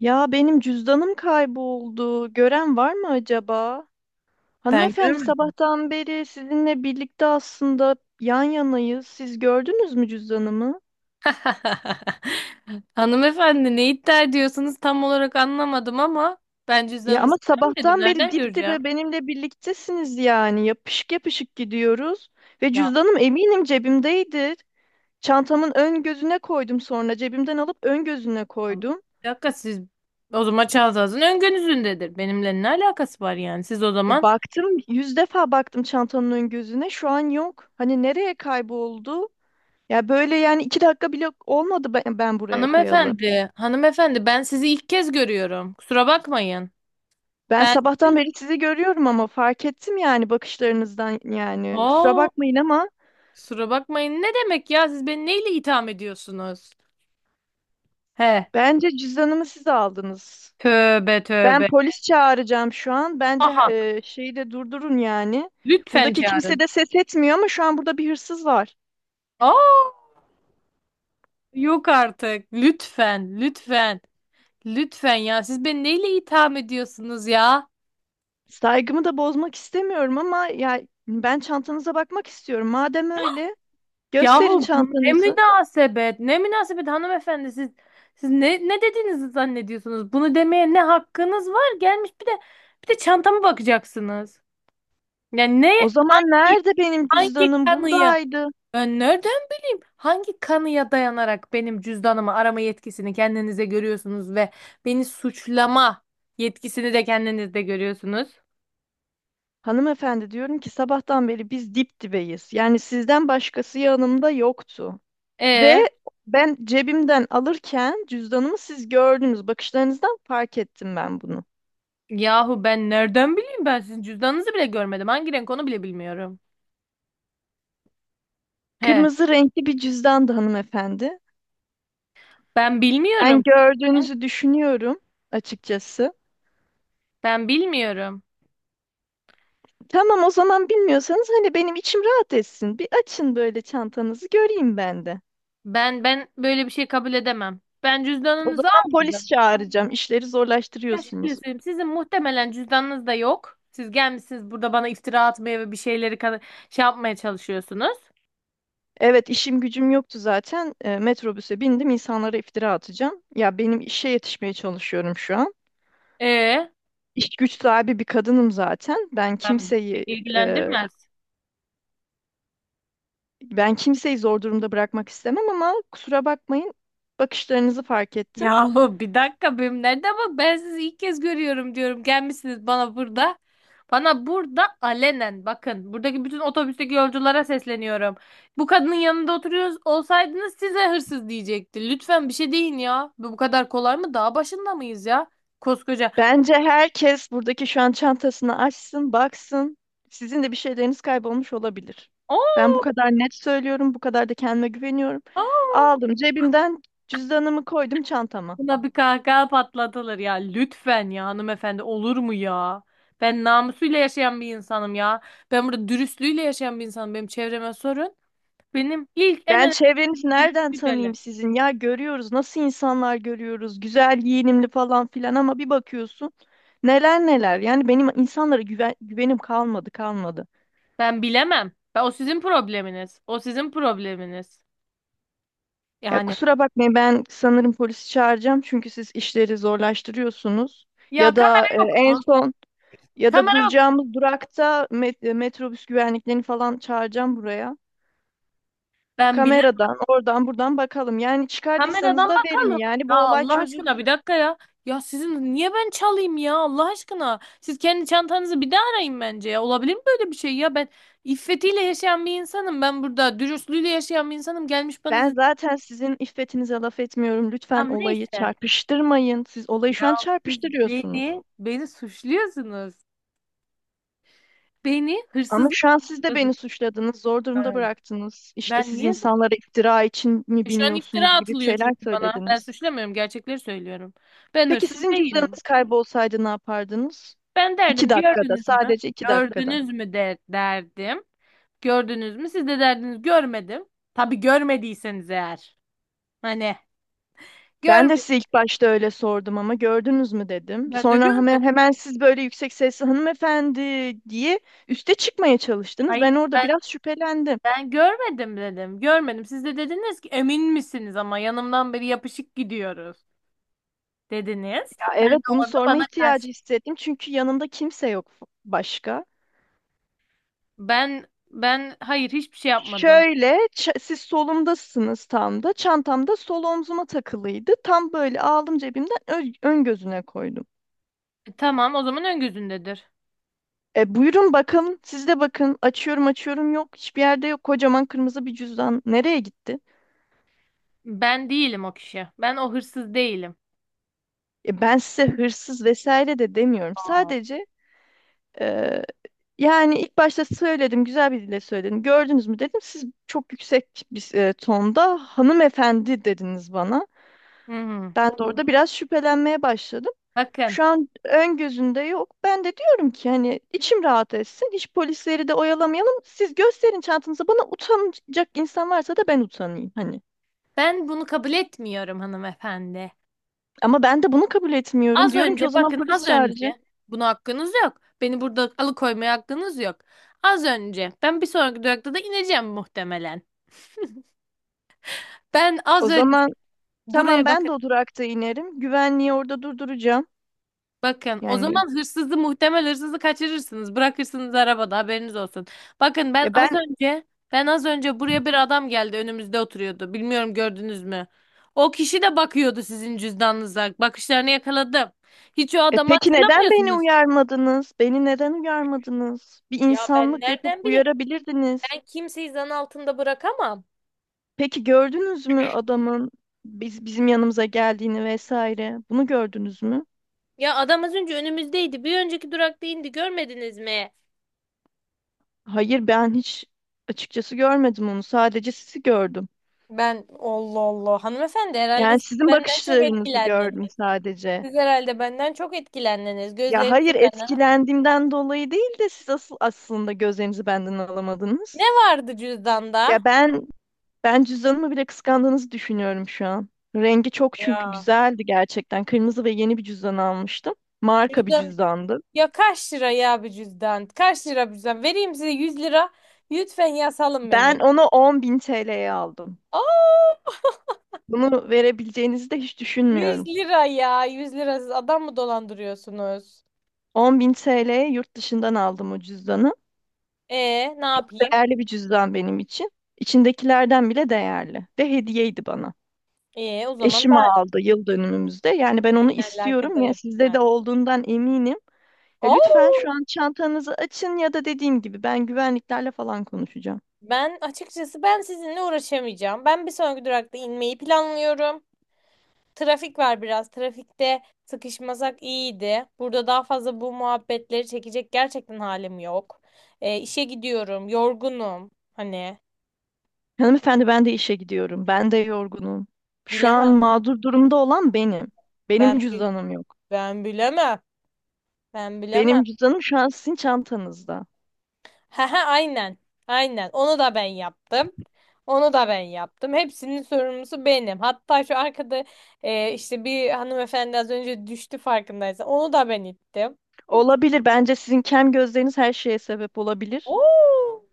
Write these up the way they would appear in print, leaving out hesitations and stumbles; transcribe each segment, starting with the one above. Ya benim cüzdanım kayboldu. Gören var mı acaba? Ben Hanımefendi görmedim. sabahtan beri sizinle birlikte aslında yan yanayız. Siz gördünüz mü cüzdanımı? Hanımefendi ne iddia ediyorsunuz tam olarak anlamadım ama ben Ya ama cüzdanınızı görmedim. sabahtan beri Nereden dip göreceğim? dibe benimle birliktesiniz yani. Yapışık yapışık gidiyoruz. Ve Ya cüzdanım eminim cebimdeydi. Çantamın ön gözüne koydum sonra. Cebimden alıp ön gözüne koydum. bir dakika siz o zaman çantanızın ön gözündedir. Benimle ne alakası var yani? Siz o Ya zaman baktım yüz defa baktım çantanın ön gözüne. Şu an yok. Hani nereye kayboldu? Ya böyle yani iki dakika bile olmadı ben buraya koyalı. hanımefendi, hanımefendi ben sizi ilk kez görüyorum. Kusura bakmayın. Ben Ben sabahtan sizi... beri sizi görüyorum ama fark ettim yani bakışlarınızdan yani. Kusura Oo, bakmayın ama kusura bakmayın. Ne demek ya? Siz beni neyle itham ediyorsunuz? He. bence cüzdanımı siz aldınız. Tövbe Ben tövbe. polis çağıracağım şu an. Bence Aha. Şeyi de durdurun yani. Lütfen Buradaki kimse çağırın. de ses etmiyor ama şu an burada bir hırsız var. Aa. Yok artık. Lütfen, lütfen, lütfen ya. Siz beni neyle itham ediyorsunuz ya? Saygımı da bozmak istemiyorum ama ya ben çantanıza bakmak istiyorum. Madem öyle gösterin Yahu bu ne çantanızı. münasebet, ne münasebet hanımefendi siz ne dediğinizi zannediyorsunuz? Bunu demeye ne hakkınız var? Gelmiş bir de çantama bakacaksınız. Yani ne O zaman nerede benim hangi cüzdanım? kanıya? Buradaydı. Ben nereden bileyim? Hangi kanıya dayanarak benim cüzdanımı arama yetkisini kendinize görüyorsunuz ve beni suçlama yetkisini de kendinizde görüyorsunuz? Hanımefendi diyorum ki sabahtan beri biz dip dibeyiz. Yani sizden başkası yanımda yoktu. Ve E ben cebimden alırken cüzdanımı siz gördünüz. Bakışlarınızdan fark ettim ben bunu. Yahu ben nereden bileyim ben sizin cüzdanınızı bile görmedim. Hangi renk onu bile bilmiyorum. He, Kırmızı renkli bir cüzdandı hanımefendi. ben Ben bilmiyorum. gördüğünüzü düşünüyorum açıkçası. Ben bilmiyorum. Tamam o zaman bilmiyorsanız hani benim içim rahat etsin. Bir açın böyle çantanızı göreyim ben de. Ben böyle bir şey kabul edemem. Ben O cüzdanınızı zaman polis almadım. çağıracağım. İşleri Ya şöyle zorlaştırıyorsunuz. söyleyeyim, sizin muhtemelen cüzdanınız da yok. Siz gelmişsiniz burada bana iftira atmaya ve bir şeyleri şey yapmaya çalışıyorsunuz. Evet işim gücüm yoktu zaten. E, metrobüse bindim insanlara iftira atacağım. Ya benim işe yetişmeye çalışıyorum şu an. E İş güç sahibi bir kadınım zaten. Ben beni e, ilgilendirmez. ben kimseyi zor durumda bırakmak istemem ama kusura bakmayın bakışlarınızı fark ettim. Yahu bir dakika benim nerede bak ben sizi ilk kez görüyorum diyorum. Gelmişsiniz bana burada. Bana burada alenen bakın buradaki bütün otobüsteki yolculara sesleniyorum. Bu kadının yanında oturuyoruz olsaydınız size hırsız diyecekti. Lütfen bir şey deyin ya. Bu kadar kolay mı? Dağ başında mıyız ya? Koskoca. Bence herkes buradaki şu an çantasını açsın, baksın. Sizin de bir şeyleriniz kaybolmuş olabilir. Oo, Ben bu kadar net söylüyorum, bu kadar da kendime güveniyorum. oo. Aldım cebimden cüzdanımı koydum çantama. Buna bir kahkaha patlatılır ya. Lütfen ya hanımefendi olur mu ya? Ben namusuyla yaşayan bir insanım ya. Ben burada dürüstlüğüyle yaşayan bir insanım. Benim çevreme sorun. Benim ilk en Ben önemli çevrenizi nereden dürüstlük tanıyayım hele. sizin? Ya görüyoruz nasıl insanlar görüyoruz. Güzel giyinimli falan filan ama bir bakıyorsun neler neler. Yani benim insanlara güvenim kalmadı kalmadı. Ben bilemem. Ben, o sizin probleminiz. O sizin probleminiz. Ya Yani kusura bakmayın ben sanırım polisi çağıracağım çünkü siz işleri zorlaştırıyorsunuz. ya Ya da kamera yok en mu? son ya da Kamera yok mu? duracağımız durakta metrobüs güvenliklerini falan çağıracağım buraya. Ben bilemem. Kameradan oradan buradan bakalım. Yani çıkardıysanız Kameradan da verin bakalım. yani bu Ya olay Allah aşkına bir çözülsün. dakika ya. Ya sizin niye ben çalayım ya Allah aşkına? Siz kendi çantanızı bir daha arayın bence ya. Olabilir mi böyle bir şey ya? Ben iffetiyle yaşayan bir insanım. Ben burada dürüstlüğüyle yaşayan bir insanım. Gelmiş bana Ben zaten sizin iffetinize laf etmiyorum. Lütfen tamam olayı neyse. çarpıştırmayın. Siz olayı şu Ya an siz çarpıştırıyorsunuz. beni suçluyorsunuz. Beni Ama hırsızlık şu an siz de beni suçladınız, zor durumda bıraktınız. İşte ben siz niye? insanlara iftira için mi Şu an iftira biniyorsunuz gibi atılıyor şeyler çünkü bana. Ben söylediniz. suçlamıyorum, gerçekleri söylüyorum. Ben Peki hırsız sizin değilim. cüzdanınız kaybolsaydı ne yapardınız? Ben İki derdim, dakikada, gördünüz mü? sadece iki dakikada. Gördünüz mü de derdim. Gördünüz mü? Siz de derdiniz görmedim. Tabii görmediyseniz eğer. Hani Ben de size görmedim. ilk başta öyle sordum ama gördünüz mü dedim. Ben de Sonra hemen, görmedim. hemen siz böyle yüksek sesli hanımefendi diye üste çıkmaya çalıştınız. Hayır Ben orada ben biraz şüphelendim. ben görmedim dedim. Görmedim. Siz de dediniz ki emin misiniz ama yanımdan beri yapışık gidiyoruz dediniz. Ben de Evet bunu orada sorma bana karşı ihtiyacı hissettim çünkü yanımda kimse yok başka. ben hayır hiçbir şey yapmadım. Şöyle siz solumdasınız tam da çantamda sol omzuma takılıydı. Tam böyle aldım cebimden ön gözüne koydum. Tamam o zaman ön gözündedir. E, buyurun bakın siz de bakın açıyorum açıyorum yok hiçbir yerde yok kocaman kırmızı bir cüzdan nereye gitti? Ben değilim o kişi. Ben o hırsız değilim. E, ben size hırsız vesaire de demiyorum Aa. sadece. Yani ilk başta söyledim, güzel bir dille söyledim. Gördünüz mü dedim. Siz çok yüksek bir tonda hanımefendi dediniz bana. Hı hı. Ben de orada biraz şüphelenmeye başladım. Bakın Şu an ön gözünde yok. Ben de diyorum ki hani içim rahat etsin. Hiç polisleri de oyalamayalım. Siz gösterin çantanızı. Bana utanacak insan varsa da ben utanayım hani. ben bunu kabul etmiyorum hanımefendi. Ama ben de bunu kabul etmiyorum. Az Diyorum ki o önce zaman bakın polis az çağıracağım. önce buna hakkınız yok. Beni burada alıkoymaya hakkınız yok. Az önce ben bir sonraki durakta da ineceğim muhtemelen. Ben O az önce zaman tamam buraya ben bakın. de o durakta inerim. Güvenliği orada durduracağım. Bakın o Yani zaman hırsızı muhtemel hırsızı kaçırırsınız. Bırakırsınız arabada haberiniz olsun. Bakın ben ya az ben. önce buraya bir adam geldi önümüzde oturuyordu. Bilmiyorum gördünüz mü? O kişi de bakıyordu sizin cüzdanınıza. Bakışlarını yakaladım. Hiç o E adamı peki neden beni hatırlamıyorsunuz. uyarmadınız? Beni neden uyarmadınız? Bir Ya ben insanlık yapıp nereden bileyim? uyarabilirdiniz. Ben kimseyi zan altında bırakamam. Peki gördünüz mü adamın bizim yanımıza geldiğini vesaire? Bunu gördünüz mü? Ya adam az önce önümüzdeydi. Bir önceki durakta indi. Görmediniz mi? Hayır, ben hiç açıkçası görmedim onu. Sadece sizi gördüm. Ben Allah Allah hanımefendi herhalde Yani siz sizin benden çok bakışlarınızı etkilendiniz. gördüm sadece. Siz herhalde benden çok etkilendiniz. Ya Gözleriniz hayır bana. etkilendiğimden dolayı değil de siz asıl aslında gözlerinizi benden Ne alamadınız. vardı cüzdanda? Ya ben Ben cüzdanımı bile kıskandığınızı düşünüyorum şu an. Rengi çok çünkü Ya. güzeldi gerçekten. Kırmızı ve yeni bir cüzdan almıştım. Marka bir Cüzdan. cüzdandı. Ya kaç lira ya bir cüzdan? Kaç lira bir cüzdan? Vereyim size 100 lira. Lütfen ya salın beni. Ben onu 10.000 TL'ye aldım. Aa, Bunu verebileceğinizi de hiç Yüz düşünmüyorum. lira ya. 100 lira siz adam mı dolandırıyorsunuz? 10.000 TL'ye yurt dışından aldım o cüzdanı. E ne yapayım? Değerli bir cüzdan benim için. İçindekilerden bile değerli. Ve hediyeydi bana. E o zaman Eşim daha aldı yıl dönümümüzde. Yani ben ne onu istiyorum alakadar ya sizde de etmez. olduğundan eminim. Ya lütfen Oo, şu an çantanızı açın ya da dediğim gibi ben güvenliklerle falan konuşacağım. ben açıkçası ben sizinle uğraşamayacağım. Ben bir sonraki durakta inmeyi planlıyorum. Trafik var biraz. Trafikte sıkışmasak iyiydi. Burada daha fazla bu muhabbetleri çekecek gerçekten halim yok. İşe gidiyorum. Yorgunum. Hani Hanımefendi ben de işe gidiyorum. Ben de yorgunum. Şu an bilemem. mağdur durumda olan benim. Ben Benim bi- cüzdanım yok. ben bilemem. Ben bilemem. Benim cüzdanım şu an sizin çantanızda. He he aynen. Aynen. Onu da ben yaptım. Onu da ben yaptım. Hepsinin sorumlusu benim. Hatta şu arkada işte bir hanımefendi az önce düştü farkındaysan. Onu da ben ittim. Olabilir. Bence sizin kem gözleriniz her şeye sebep olabilir. Oo!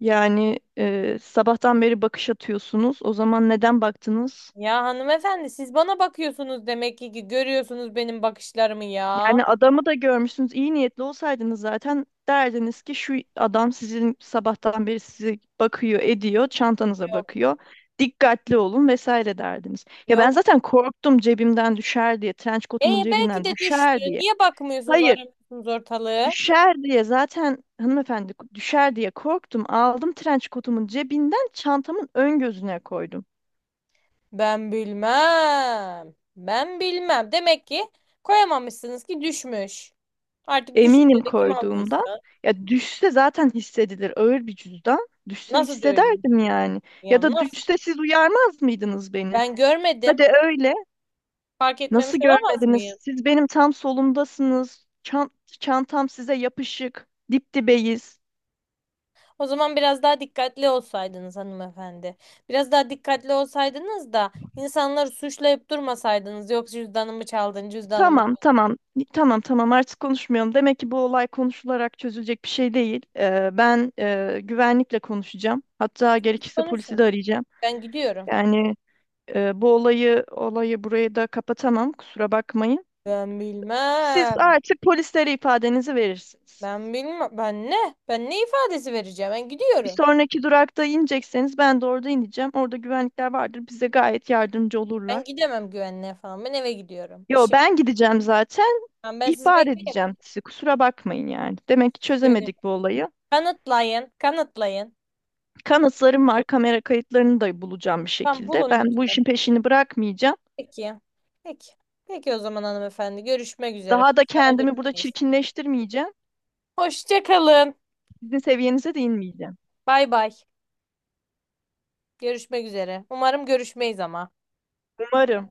Yani sabahtan beri bakış atıyorsunuz. O zaman neden baktınız? Ya hanımefendi siz bana bakıyorsunuz demek ki görüyorsunuz benim bakışlarımı ya. Yani adamı da görmüşsünüz. İyi niyetli olsaydınız zaten derdiniz ki şu adam sizin sabahtan beri sizi bakıyor, ediyor, çantanıza Yok bakıyor. Dikkatli olun vesaire derdiniz. Ya ben yok. zaten korktum cebimden düşer diye, trenç E kotumun belki cebinden de düştü. düşer diye. Niye bakmıyorsunuz Hayır, aramıyorsunuz ortalığı? düşer diye zaten hanımefendi düşer diye korktum. Aldım trenç kotumun cebinden çantamın ön gözüne koydum. Ben bilmem. Ben bilmem. Demek ki koyamamışsınız ki düşmüş. Artık düşünce Eminim de kim koyduğumdan. aldıysa. Ya düşse zaten hissedilir. Ağır bir cüzdan. Düşse Nasıl da öyle? hissederdim yani. Ya Ya da nasıl? düşse siz uyarmaz mıydınız beni? Ben görmedim. Hadi öyle. Fark etmemiş Nasıl olamaz görmediniz? mıyım? Siz benim tam solumdasınız. Çantam size yapışık. Dip dibeyiz. O zaman biraz daha dikkatli olsaydınız hanımefendi. Biraz daha dikkatli olsaydınız da insanları suçlayıp durmasaydınız. Yok cüzdanımı çaldın, cüzdanımı Tamam, çaldın. tamam. Tamam, tamam artık konuşmayalım. Demek ki bu olay konuşularak çözülecek bir şey değil. Ben güvenlikle konuşacağım. Hatta gerekirse polisi de Konuşun. arayacağım. Ben gidiyorum. Yani. Bu olayı burayı da kapatamam. Kusura bakmayın. Ben Siz bilmem. artık polislere ifadenizi verirsiniz. Ben bilmem. Ben ne? Ben ne ifadesi vereceğim? Ben Bir gidiyorum. sonraki durakta inecekseniz ben de orada ineceğim. Orada güvenlikler vardır. Bize gayet yardımcı Ben olurlar. gidemem güvenliğe falan. Ben eve gidiyorum. Yo İşim. ben gideceğim zaten. Ben sizi İhbar bekleyemem. edeceğim sizi. Kusura bakmayın yani. Demek ki Benim. çözemedik bu olayı. Kanıtlayın. Kanıtlayın. Kanıtlarım var. Kamera kayıtlarını da bulacağım bir Tamam şekilde. bulun Ben bu lütfen. işin peşini bırakmayacağım. Peki. Peki. Peki o zaman hanımefendi. Görüşmek üzere. Daha da İnşallah kendimi burada görüşmeyiz. çirkinleştirmeyeceğim. Hoşça kalın. Sizin seviyenize de inmeyeceğim. Bay bay. Görüşmek üzere. Umarım görüşmeyiz ama. Umarım.